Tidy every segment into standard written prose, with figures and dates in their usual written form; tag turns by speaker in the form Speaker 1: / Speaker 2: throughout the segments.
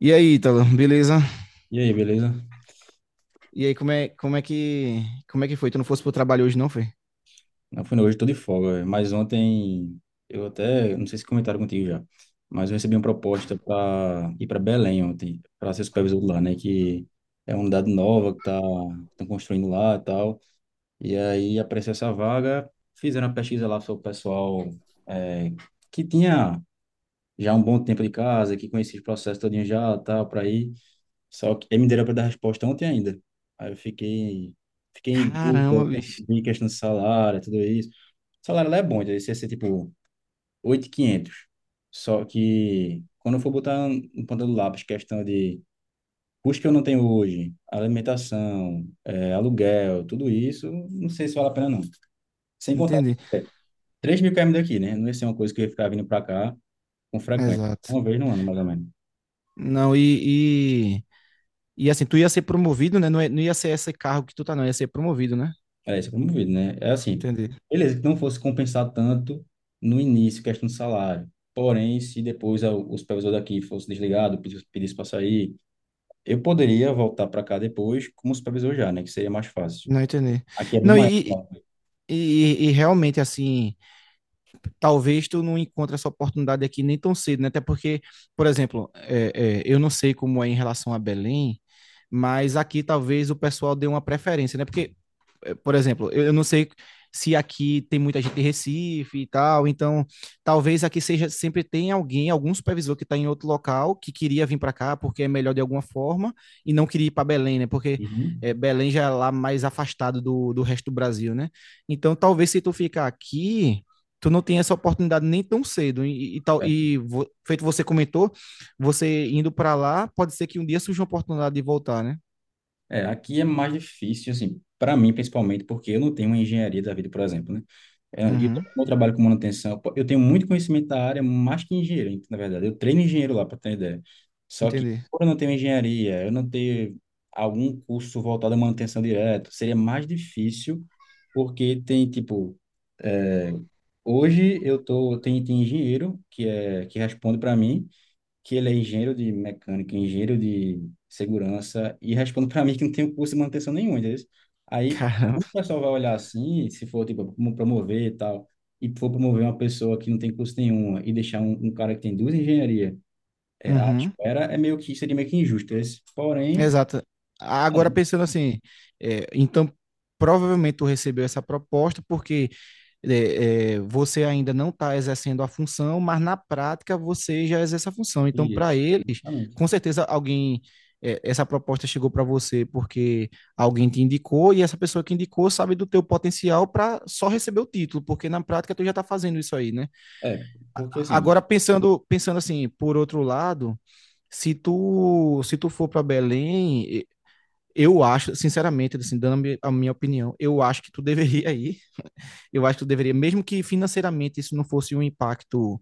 Speaker 1: E aí, Ítalo, beleza?
Speaker 2: E aí, beleza?
Speaker 1: E aí, como é que foi? Tu não fosse pro trabalho hoje, não foi?
Speaker 2: Não, foi, não, hoje eu tô de folga, velho. Mas ontem eu até, não sei se comentaram contigo já, mas eu recebi uma proposta para ir para Belém ontem, para ser supervisor lá, né, que é uma unidade nova que estão construindo lá e tal. E aí apareceu essa vaga, fizeram a pesquisa lá sobre o pessoal é, que tinha já um bom tempo de casa, que conhecia os processos todinho já, tal, para ir. Só que aí me deram para dar resposta ontem ainda. Aí eu fiquei em
Speaker 1: Caramba,
Speaker 2: dúvida,
Speaker 1: bicho.
Speaker 2: em questão de salário, tudo isso. O salário lá é bom, então esse ia ser tipo 8.500. Só que quando eu for botar no ponta do lápis questão de custo que eu não tenho hoje, alimentação, aluguel, tudo isso, não sei se vale a pena não. Sem contar que
Speaker 1: Entendi.
Speaker 2: 3 mil km daqui, né? Não ia ser uma coisa que eu ia ficar vindo para cá com frequência.
Speaker 1: Exato.
Speaker 2: Uma vez no ano, mais ou menos.
Speaker 1: Não, e assim, tu ia ser promovido, né? Não, não ia ser esse cargo que tu tá, não. Ia ser promovido, né?
Speaker 2: Era isso que eu promovido, né? É assim,
Speaker 1: Entendi.
Speaker 2: beleza, que não fosse compensar tanto no início, questão do salário. Porém, se depois o supervisor daqui fosse desligado, pedisse para sair, eu poderia voltar para cá depois como supervisor já, né? Que seria mais fácil.
Speaker 1: Não entendi.
Speaker 2: Aqui é bem
Speaker 1: Não,
Speaker 2: maior lá.
Speaker 1: e realmente, assim, talvez tu não encontre essa oportunidade aqui nem tão cedo, né? Até porque, por exemplo, eu não sei como é em relação a Belém, mas aqui talvez o pessoal dê uma preferência, né? Porque, por exemplo, eu não sei se aqui tem muita gente de Recife e tal, então talvez aqui seja sempre tem alguém, algum supervisor que está em outro local que queria vir para cá porque é melhor de alguma forma e não queria ir para Belém, né? Porque
Speaker 2: Uhum.
Speaker 1: Belém já é lá mais afastado do resto do Brasil, né? Então talvez se tu ficar aqui tu não tenha essa oportunidade nem tão cedo e, e tal
Speaker 2: É,
Speaker 1: e vo, feito você comentou, você indo para lá pode ser que um dia surja uma oportunidade de voltar, né?
Speaker 2: É, aqui é mais difícil, assim, para mim principalmente, porque eu não tenho uma engenharia da vida, por exemplo, né? É, e eu
Speaker 1: Uhum.
Speaker 2: como eu trabalho com manutenção, pô. Eu tenho muito conhecimento da área, mais que engenheiro, na verdade. Eu treino engenheiro lá, para ter ideia. Só que,
Speaker 1: Entendi.
Speaker 2: por eu não tenho engenharia, eu não tenho algum curso voltado à manutenção direta, seria mais difícil, porque tem, tipo, é, hoje eu tô, tem engenheiro que, que responde para mim, que ele é engenheiro de mecânica, engenheiro de segurança, e responde para mim que não tem curso de manutenção nenhum, entendeu? Aí, quando
Speaker 1: Caramba.
Speaker 2: o pessoal vai olhar assim, se for, tipo, como promover e tal, e for promover uma pessoa que não tem curso nenhum e deixar um, um cara que tem duas engenharias à
Speaker 1: Uhum.
Speaker 2: espera, é meio que, seria meio que injusto. Esse, porém,
Speaker 1: Exato.
Speaker 2: é,
Speaker 1: Agora pensando assim, então provavelmente tu recebeu essa proposta porque você ainda não está exercendo a função, mas na prática você já exerce a função. Então, para
Speaker 2: isso,
Speaker 1: eles,
Speaker 2: exatamente.
Speaker 1: com certeza alguém essa proposta chegou para você porque alguém te indicou, e essa pessoa que indicou sabe do teu potencial para só receber o título, porque na prática tu já está fazendo isso aí, né?
Speaker 2: É, porque assim,
Speaker 1: Agora pensando assim, por outro lado, se tu for para Belém, eu acho, sinceramente, assim, dando a minha opinião, eu acho que tu deveria ir. Eu acho que tu deveria, mesmo que financeiramente isso não fosse um impacto,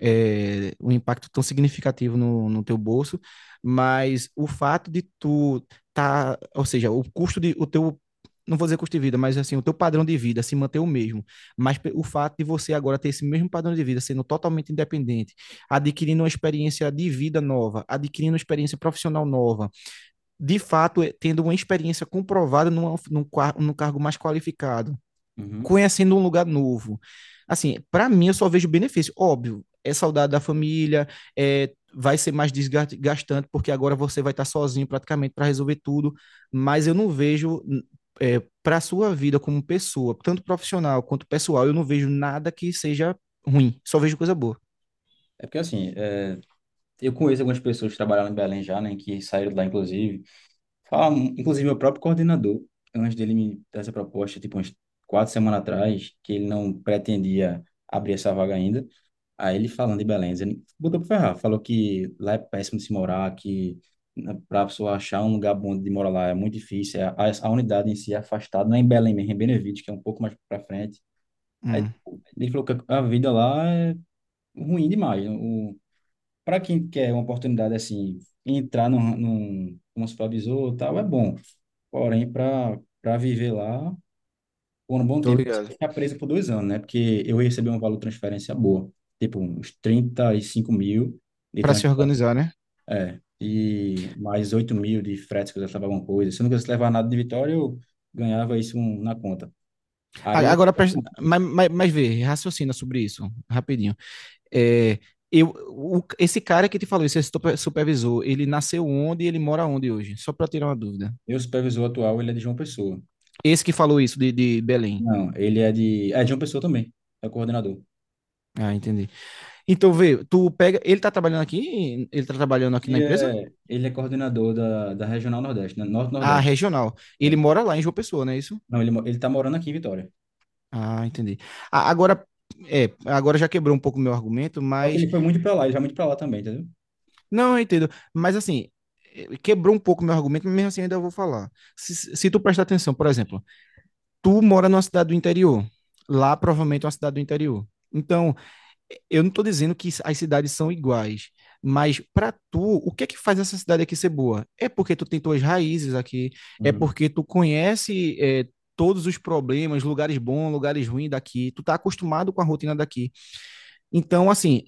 Speaker 1: um impacto tão significativo no teu bolso, mas o fato de tu tá, ou seja, o custo de, o teu, não vou dizer custo de vida, mas assim, o teu padrão de vida se manter o mesmo, mas o fato de você agora ter esse mesmo padrão de vida, sendo totalmente independente, adquirindo uma experiência de vida nova, adquirindo uma experiência profissional nova, de fato tendo uma experiência comprovada numa, num cargo mais qualificado,
Speaker 2: uhum.
Speaker 1: conhecendo um lugar novo. Assim, para mim, eu só vejo benefício. Óbvio, é saudade da família, vai ser mais desgastante, porque agora você vai estar sozinho praticamente para resolver tudo, mas eu não vejo. Para a sua vida como pessoa, tanto profissional quanto pessoal, eu não vejo nada que seja ruim, só vejo coisa boa.
Speaker 2: É porque assim, eu conheço algumas pessoas que trabalharam em Belém já, né, que saíram de lá, inclusive, Fala, inclusive, meu próprio coordenador, antes dele me dar essa proposta, tipo, uns 4 semanas atrás, que ele não pretendia abrir essa vaga ainda. Aí ele falando de Belém, ele botou pra ferrar, falou que lá é péssimo de se morar, que pra pessoa achar um lugar bom de morar lá é muito difícil, a unidade em si é afastada, não é em Belém mesmo, é em Benevides, que é um pouco mais pra frente. Aí
Speaker 1: Hum.
Speaker 2: tipo, ele falou que a vida lá é ruim demais, para quem quer uma oportunidade assim, entrar num, como supervisor e tal, é bom. Porém, para viver lá por um bom
Speaker 1: Tô
Speaker 2: tempo,
Speaker 1: ligado.
Speaker 2: ficar preso por 2 anos, né? Porque eu recebi um valor de transferência boa, tipo uns 35 mil de
Speaker 1: Para se
Speaker 2: transferência,
Speaker 1: organizar, né?
Speaker 2: e mais 8 mil de frete que eu levava alguma coisa. Se eu não quisesse levar nada de Vitória, eu ganhava isso na conta. Aí,
Speaker 1: Agora,
Speaker 2: o
Speaker 1: mas vê, raciocina sobre isso, rapidinho. É, Esse cara que te falou, esse supervisor, ele nasceu onde e ele mora onde hoje? Só para tirar uma dúvida.
Speaker 2: meu supervisor atual, ele é de João Pessoa.
Speaker 1: Esse que falou isso de Belém.
Speaker 2: Não, ele é de... É de João Pessoa também, é coordenador.
Speaker 1: Ah, entendi. Então, vê, tu pega. Ele tá trabalhando aqui? Ele tá trabalhando aqui na empresa?
Speaker 2: Ele é coordenador da, da Regional Nordeste, né?
Speaker 1: Ah,
Speaker 2: Norte-Nordeste.
Speaker 1: regional. Ele
Speaker 2: É.
Speaker 1: mora lá em João Pessoa, não é isso?
Speaker 2: Não, ele, ele tá morando aqui em Vitória.
Speaker 1: Ah, entendi. A- Agora, agora já quebrou um pouco o meu argumento,
Speaker 2: Só que
Speaker 1: mas.
Speaker 2: ele foi muito pra lá, ele vai muito pra lá também, entendeu?
Speaker 1: Não, eu entendo. Mas assim, quebrou um pouco meu argumento, mas mesmo assim ainda vou falar. Se tu prestar atenção, por exemplo, tu mora numa cidade do interior. Lá provavelmente é uma cidade do interior. Então, eu não estou dizendo que as cidades são iguais, mas para tu, o que é que faz essa cidade aqui ser boa? É porque tu tem tuas raízes aqui, é
Speaker 2: Uhum.
Speaker 1: porque tu conhece todos os problemas, lugares bons, lugares ruins daqui, tu tá acostumado com a rotina daqui. Então, assim,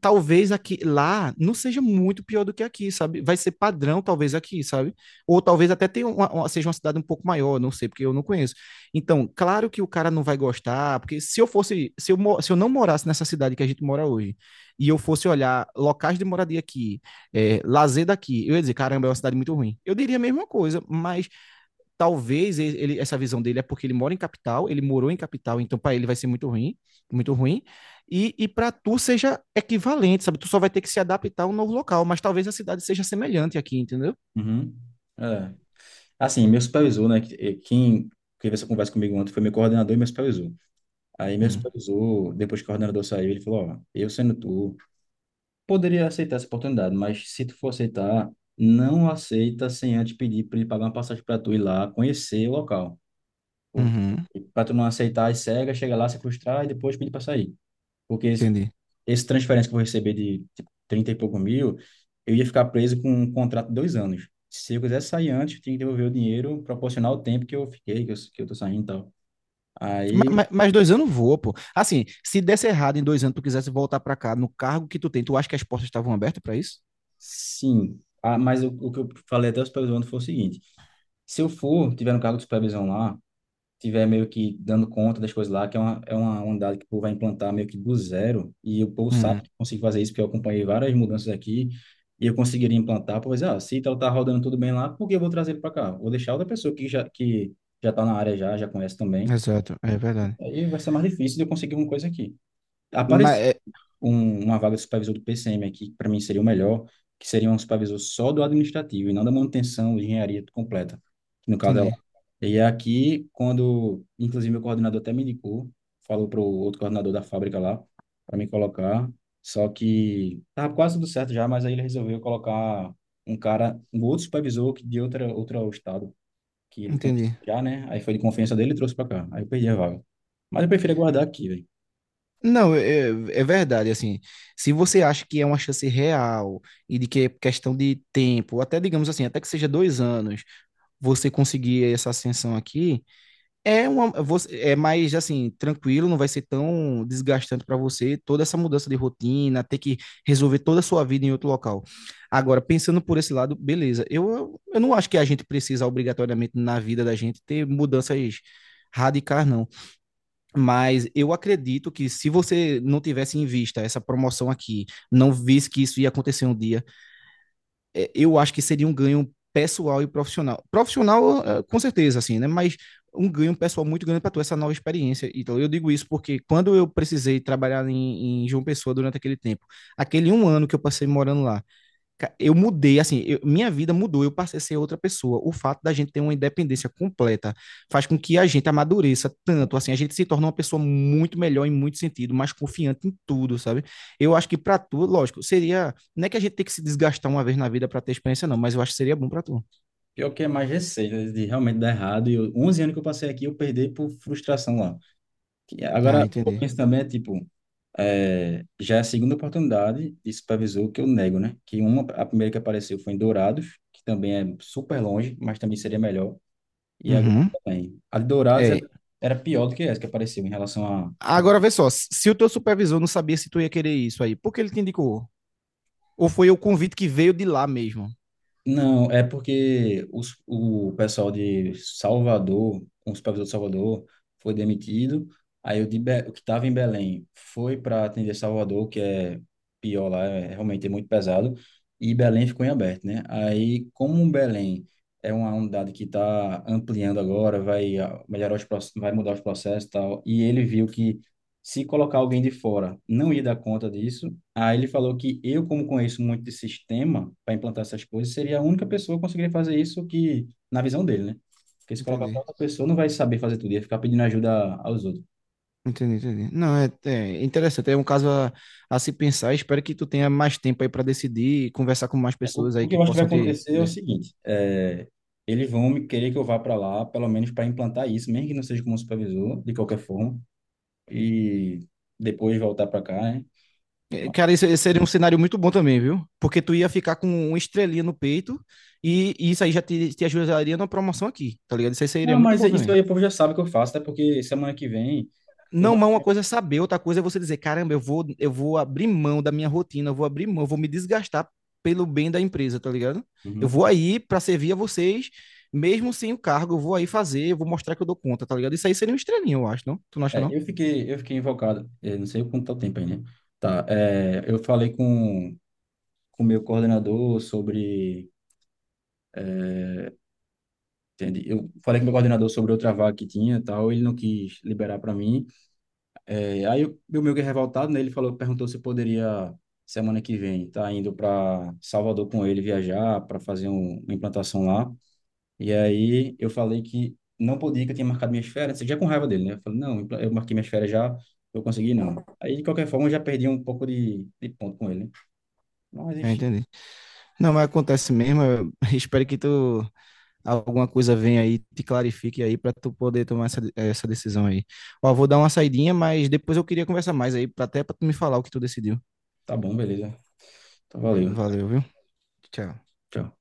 Speaker 1: talvez aqui lá não seja muito pior do que aqui, sabe? Vai ser padrão, talvez aqui, sabe? Ou talvez até tenha seja uma cidade um pouco maior, não sei, porque eu não conheço. Então, claro que o cara não vai gostar, porque se eu fosse, se eu, mo- se eu não morasse nessa cidade que a gente mora hoje, e eu fosse olhar locais de moradia aqui, lazer daqui, eu ia dizer, caramba, é uma cidade muito ruim. Eu diria a mesma coisa, mas talvez essa visão dele é porque ele mora em capital, ele morou em capital, então para ele vai ser muito ruim, muito ruim. E para tu seja equivalente, sabe? Tu só vai ter que se adaptar a um novo local, mas talvez a cidade seja semelhante aqui, entendeu?
Speaker 2: Uhum. É. Assim, meu supervisor, né? Quem teve essa conversa comigo ontem foi meu coordenador e meu supervisor. Aí meu
Speaker 1: Hum.
Speaker 2: supervisor, depois que o coordenador saiu, ele falou, ó, eu sendo tu, poderia aceitar essa oportunidade, mas se tu for aceitar, não aceita sem antes pedir para ele pagar uma passagem para tu ir lá conhecer o local. Porque
Speaker 1: Uhum.
Speaker 2: para tu não aceitar as cegas, chega lá, se frustrar e depois pedir para sair. Porque
Speaker 1: Entendi.
Speaker 2: essa transferência que eu vou receber de tipo, 30 e pouco mil, eu ia ficar preso com um contrato de 2 anos. Se eu quisesse sair antes, eu tinha que devolver o dinheiro proporcional ao tempo que eu fiquei, que eu tô saindo e tal. Aí,
Speaker 1: Mas, dois anos voa, pô. Assim, se desse errado em dois anos, tu quisesse voltar para cá no cargo que tu tem, tu acha que as portas estavam abertas para isso?
Speaker 2: sim. Ah, mas o que eu falei até o supervisor foi o seguinte: se eu for, tiver um cargo de supervisão lá, tiver meio que dando conta das coisas lá, que é uma unidade que o povo vai implantar meio que do zero, e o povo
Speaker 1: Hum.
Speaker 2: sabe que consegue fazer isso, porque eu acompanhei várias mudanças aqui, e eu conseguiria implantar, pois, ah, se tal tá rodando tudo bem lá, por que eu vou trazer ele para cá? Vou deixar outra pessoa que já tá na área já, já conhece também,
Speaker 1: Exato, é verdade.
Speaker 2: aí vai ser mais difícil de eu conseguir alguma coisa aqui
Speaker 1: Mas,
Speaker 2: uma vaga de supervisor do PCM aqui, que para mim seria o melhor, que seria um supervisor só do administrativo e não da manutenção de engenharia completa, que no caso é lá.
Speaker 1: entendi,
Speaker 2: E é aqui, quando, inclusive, meu coordenador até me indicou, falou para o outro coordenador da fábrica lá, para me colocar, só que estava quase tudo certo já, mas aí ele resolveu colocar um cara, um outro supervisor que de outro estado, que ele conhecia
Speaker 1: entendi.
Speaker 2: já, né? Aí foi de confiança dele e trouxe para cá. Aí eu perdi a vaga. Mas eu prefiro aguardar aqui, velho.
Speaker 1: Não, é, verdade, assim, se você acha que é uma chance real e de que é questão de tempo, até digamos assim, até que seja dois anos, você conseguir essa ascensão aqui, é mais, assim, tranquilo, não vai ser tão desgastante para você toda essa mudança de rotina, ter que resolver toda a sua vida em outro local. Agora, pensando por esse lado, beleza, eu não acho que a gente precisa obrigatoriamente na vida da gente ter mudanças radicais, não. Mas eu acredito que se você não tivesse em vista essa promoção aqui, não visse que isso ia acontecer um dia, eu acho que seria um ganho pessoal e profissional. Profissional, é, com certeza, assim, né? Mas um ganho pessoal muito grande para tu, essa nova experiência. Então, eu digo isso porque quando eu precisei trabalhar em João Pessoa durante aquele tempo, aquele um ano que eu passei morando lá, eu mudei, assim, minha vida mudou, eu passei a ser outra pessoa. O fato da gente ter uma independência completa faz com que a gente amadureça tanto, assim, a gente se torna uma pessoa muito melhor em muito sentido, mais confiante em tudo, sabe? Eu acho que pra tu, lógico, seria, não é que a gente tem que se desgastar uma vez na vida pra ter experiência, não, mas eu acho que seria bom pra tu.
Speaker 2: Pior que é mais receio né, de realmente dar errado. E eu, 11 anos que eu passei aqui, eu perdi por frustração lá. Que
Speaker 1: Ah,
Speaker 2: agora, eu
Speaker 1: entendi.
Speaker 2: penso também, é, tipo, já é a segunda oportunidade de supervisor que eu nego, né? Que a primeira que apareceu foi em Dourados, que também é super longe, mas também seria melhor. E agora
Speaker 1: Uhum.
Speaker 2: também. A de Dourados era,
Speaker 1: É.
Speaker 2: era pior do que essa que apareceu em relação a,
Speaker 1: Agora vê só, se o teu supervisor não sabia se tu ia querer isso aí, por que ele te indicou? Ou foi o convite que veio de lá mesmo?
Speaker 2: Não, é porque o pessoal de Salvador, o supervisor de Salvador, foi demitido. Aí o que estava em Belém foi para atender Salvador, que é pior lá, é realmente é muito pesado. E Belém ficou em aberto, né? Aí, como Belém é uma unidade que está ampliando agora, vai melhorar vai mudar os processos e tal, e ele viu que se colocar alguém de fora não ia dar conta disso, Aí ele falou que eu, como conheço muito de sistema para implantar essas coisas, seria a única pessoa que conseguiria fazer isso que, na visão dele, né? Porque se colocar para
Speaker 1: Entendi.
Speaker 2: outra pessoa, não vai saber fazer tudo, ia ficar pedindo ajuda aos outros.
Speaker 1: Entendi, entendi. Não, é interessante. É um caso a se pensar. Espero que tu tenha mais tempo aí para decidir e conversar com mais
Speaker 2: O,
Speaker 1: pessoas aí
Speaker 2: o que
Speaker 1: que
Speaker 2: eu acho que vai
Speaker 1: possam te.
Speaker 2: acontecer é o seguinte, é, eles vão me querer que eu vá para lá, pelo menos para implantar isso, mesmo que não seja como supervisor, de qualquer forma, e depois voltar para cá, né?
Speaker 1: É, cara, esse seria um cenário muito bom também, viu? Porque tu ia ficar com uma estrelinha no peito e isso aí já te ajudaria na promoção aqui, tá ligado? Isso aí seria
Speaker 2: Não,
Speaker 1: muito
Speaker 2: mas
Speaker 1: bom
Speaker 2: isso
Speaker 1: também.
Speaker 2: aí o povo já sabe que eu faço, até porque semana que vem eu...
Speaker 1: Não, mas uma coisa é saber, outra coisa é você dizer, caramba, eu vou abrir mão da minha rotina, eu vou abrir mão, eu vou me desgastar pelo bem da empresa, tá ligado? Eu
Speaker 2: Uhum.
Speaker 1: vou aí para servir a vocês, mesmo sem o cargo, eu vou aí fazer, eu vou mostrar que eu dou conta, tá ligado? Isso aí seria um estrelinho, eu acho, não? Tu não acha,
Speaker 2: É,
Speaker 1: não?
Speaker 2: eu fiquei invocado, não sei quanto tá o tempo aí, né? Tá, eu falei com o meu coordenador sobre, entende? Eu falei com o meu coordenador sobre outra vaga que tinha e tal, ele não quis liberar para mim. Aí eu, meu meio que revoltado, né? Ele falou, perguntou se poderia, semana que vem, tá indo para Salvador com ele viajar para fazer uma implantação lá. E aí eu falei que não podia, que eu tinha marcado minhas férias, já com raiva dele, né? Eu falei, não, eu marquei minhas férias já, eu consegui não. Aí, de qualquer forma, eu já perdi um pouco de ponto com ele, né? Mas,
Speaker 1: É,
Speaker 2: enfim,
Speaker 1: entendi. Não, mas acontece mesmo, eu espero que tu, alguma coisa venha aí, te clarifique aí para tu poder tomar essa decisão aí. Ó, vou dar uma saidinha, mas depois eu queria conversar mais aí, até pra tu me falar o que tu decidiu.
Speaker 2: tá bom, beleza. Então, valeu.
Speaker 1: Valeu, viu? Tchau.
Speaker 2: Tchau.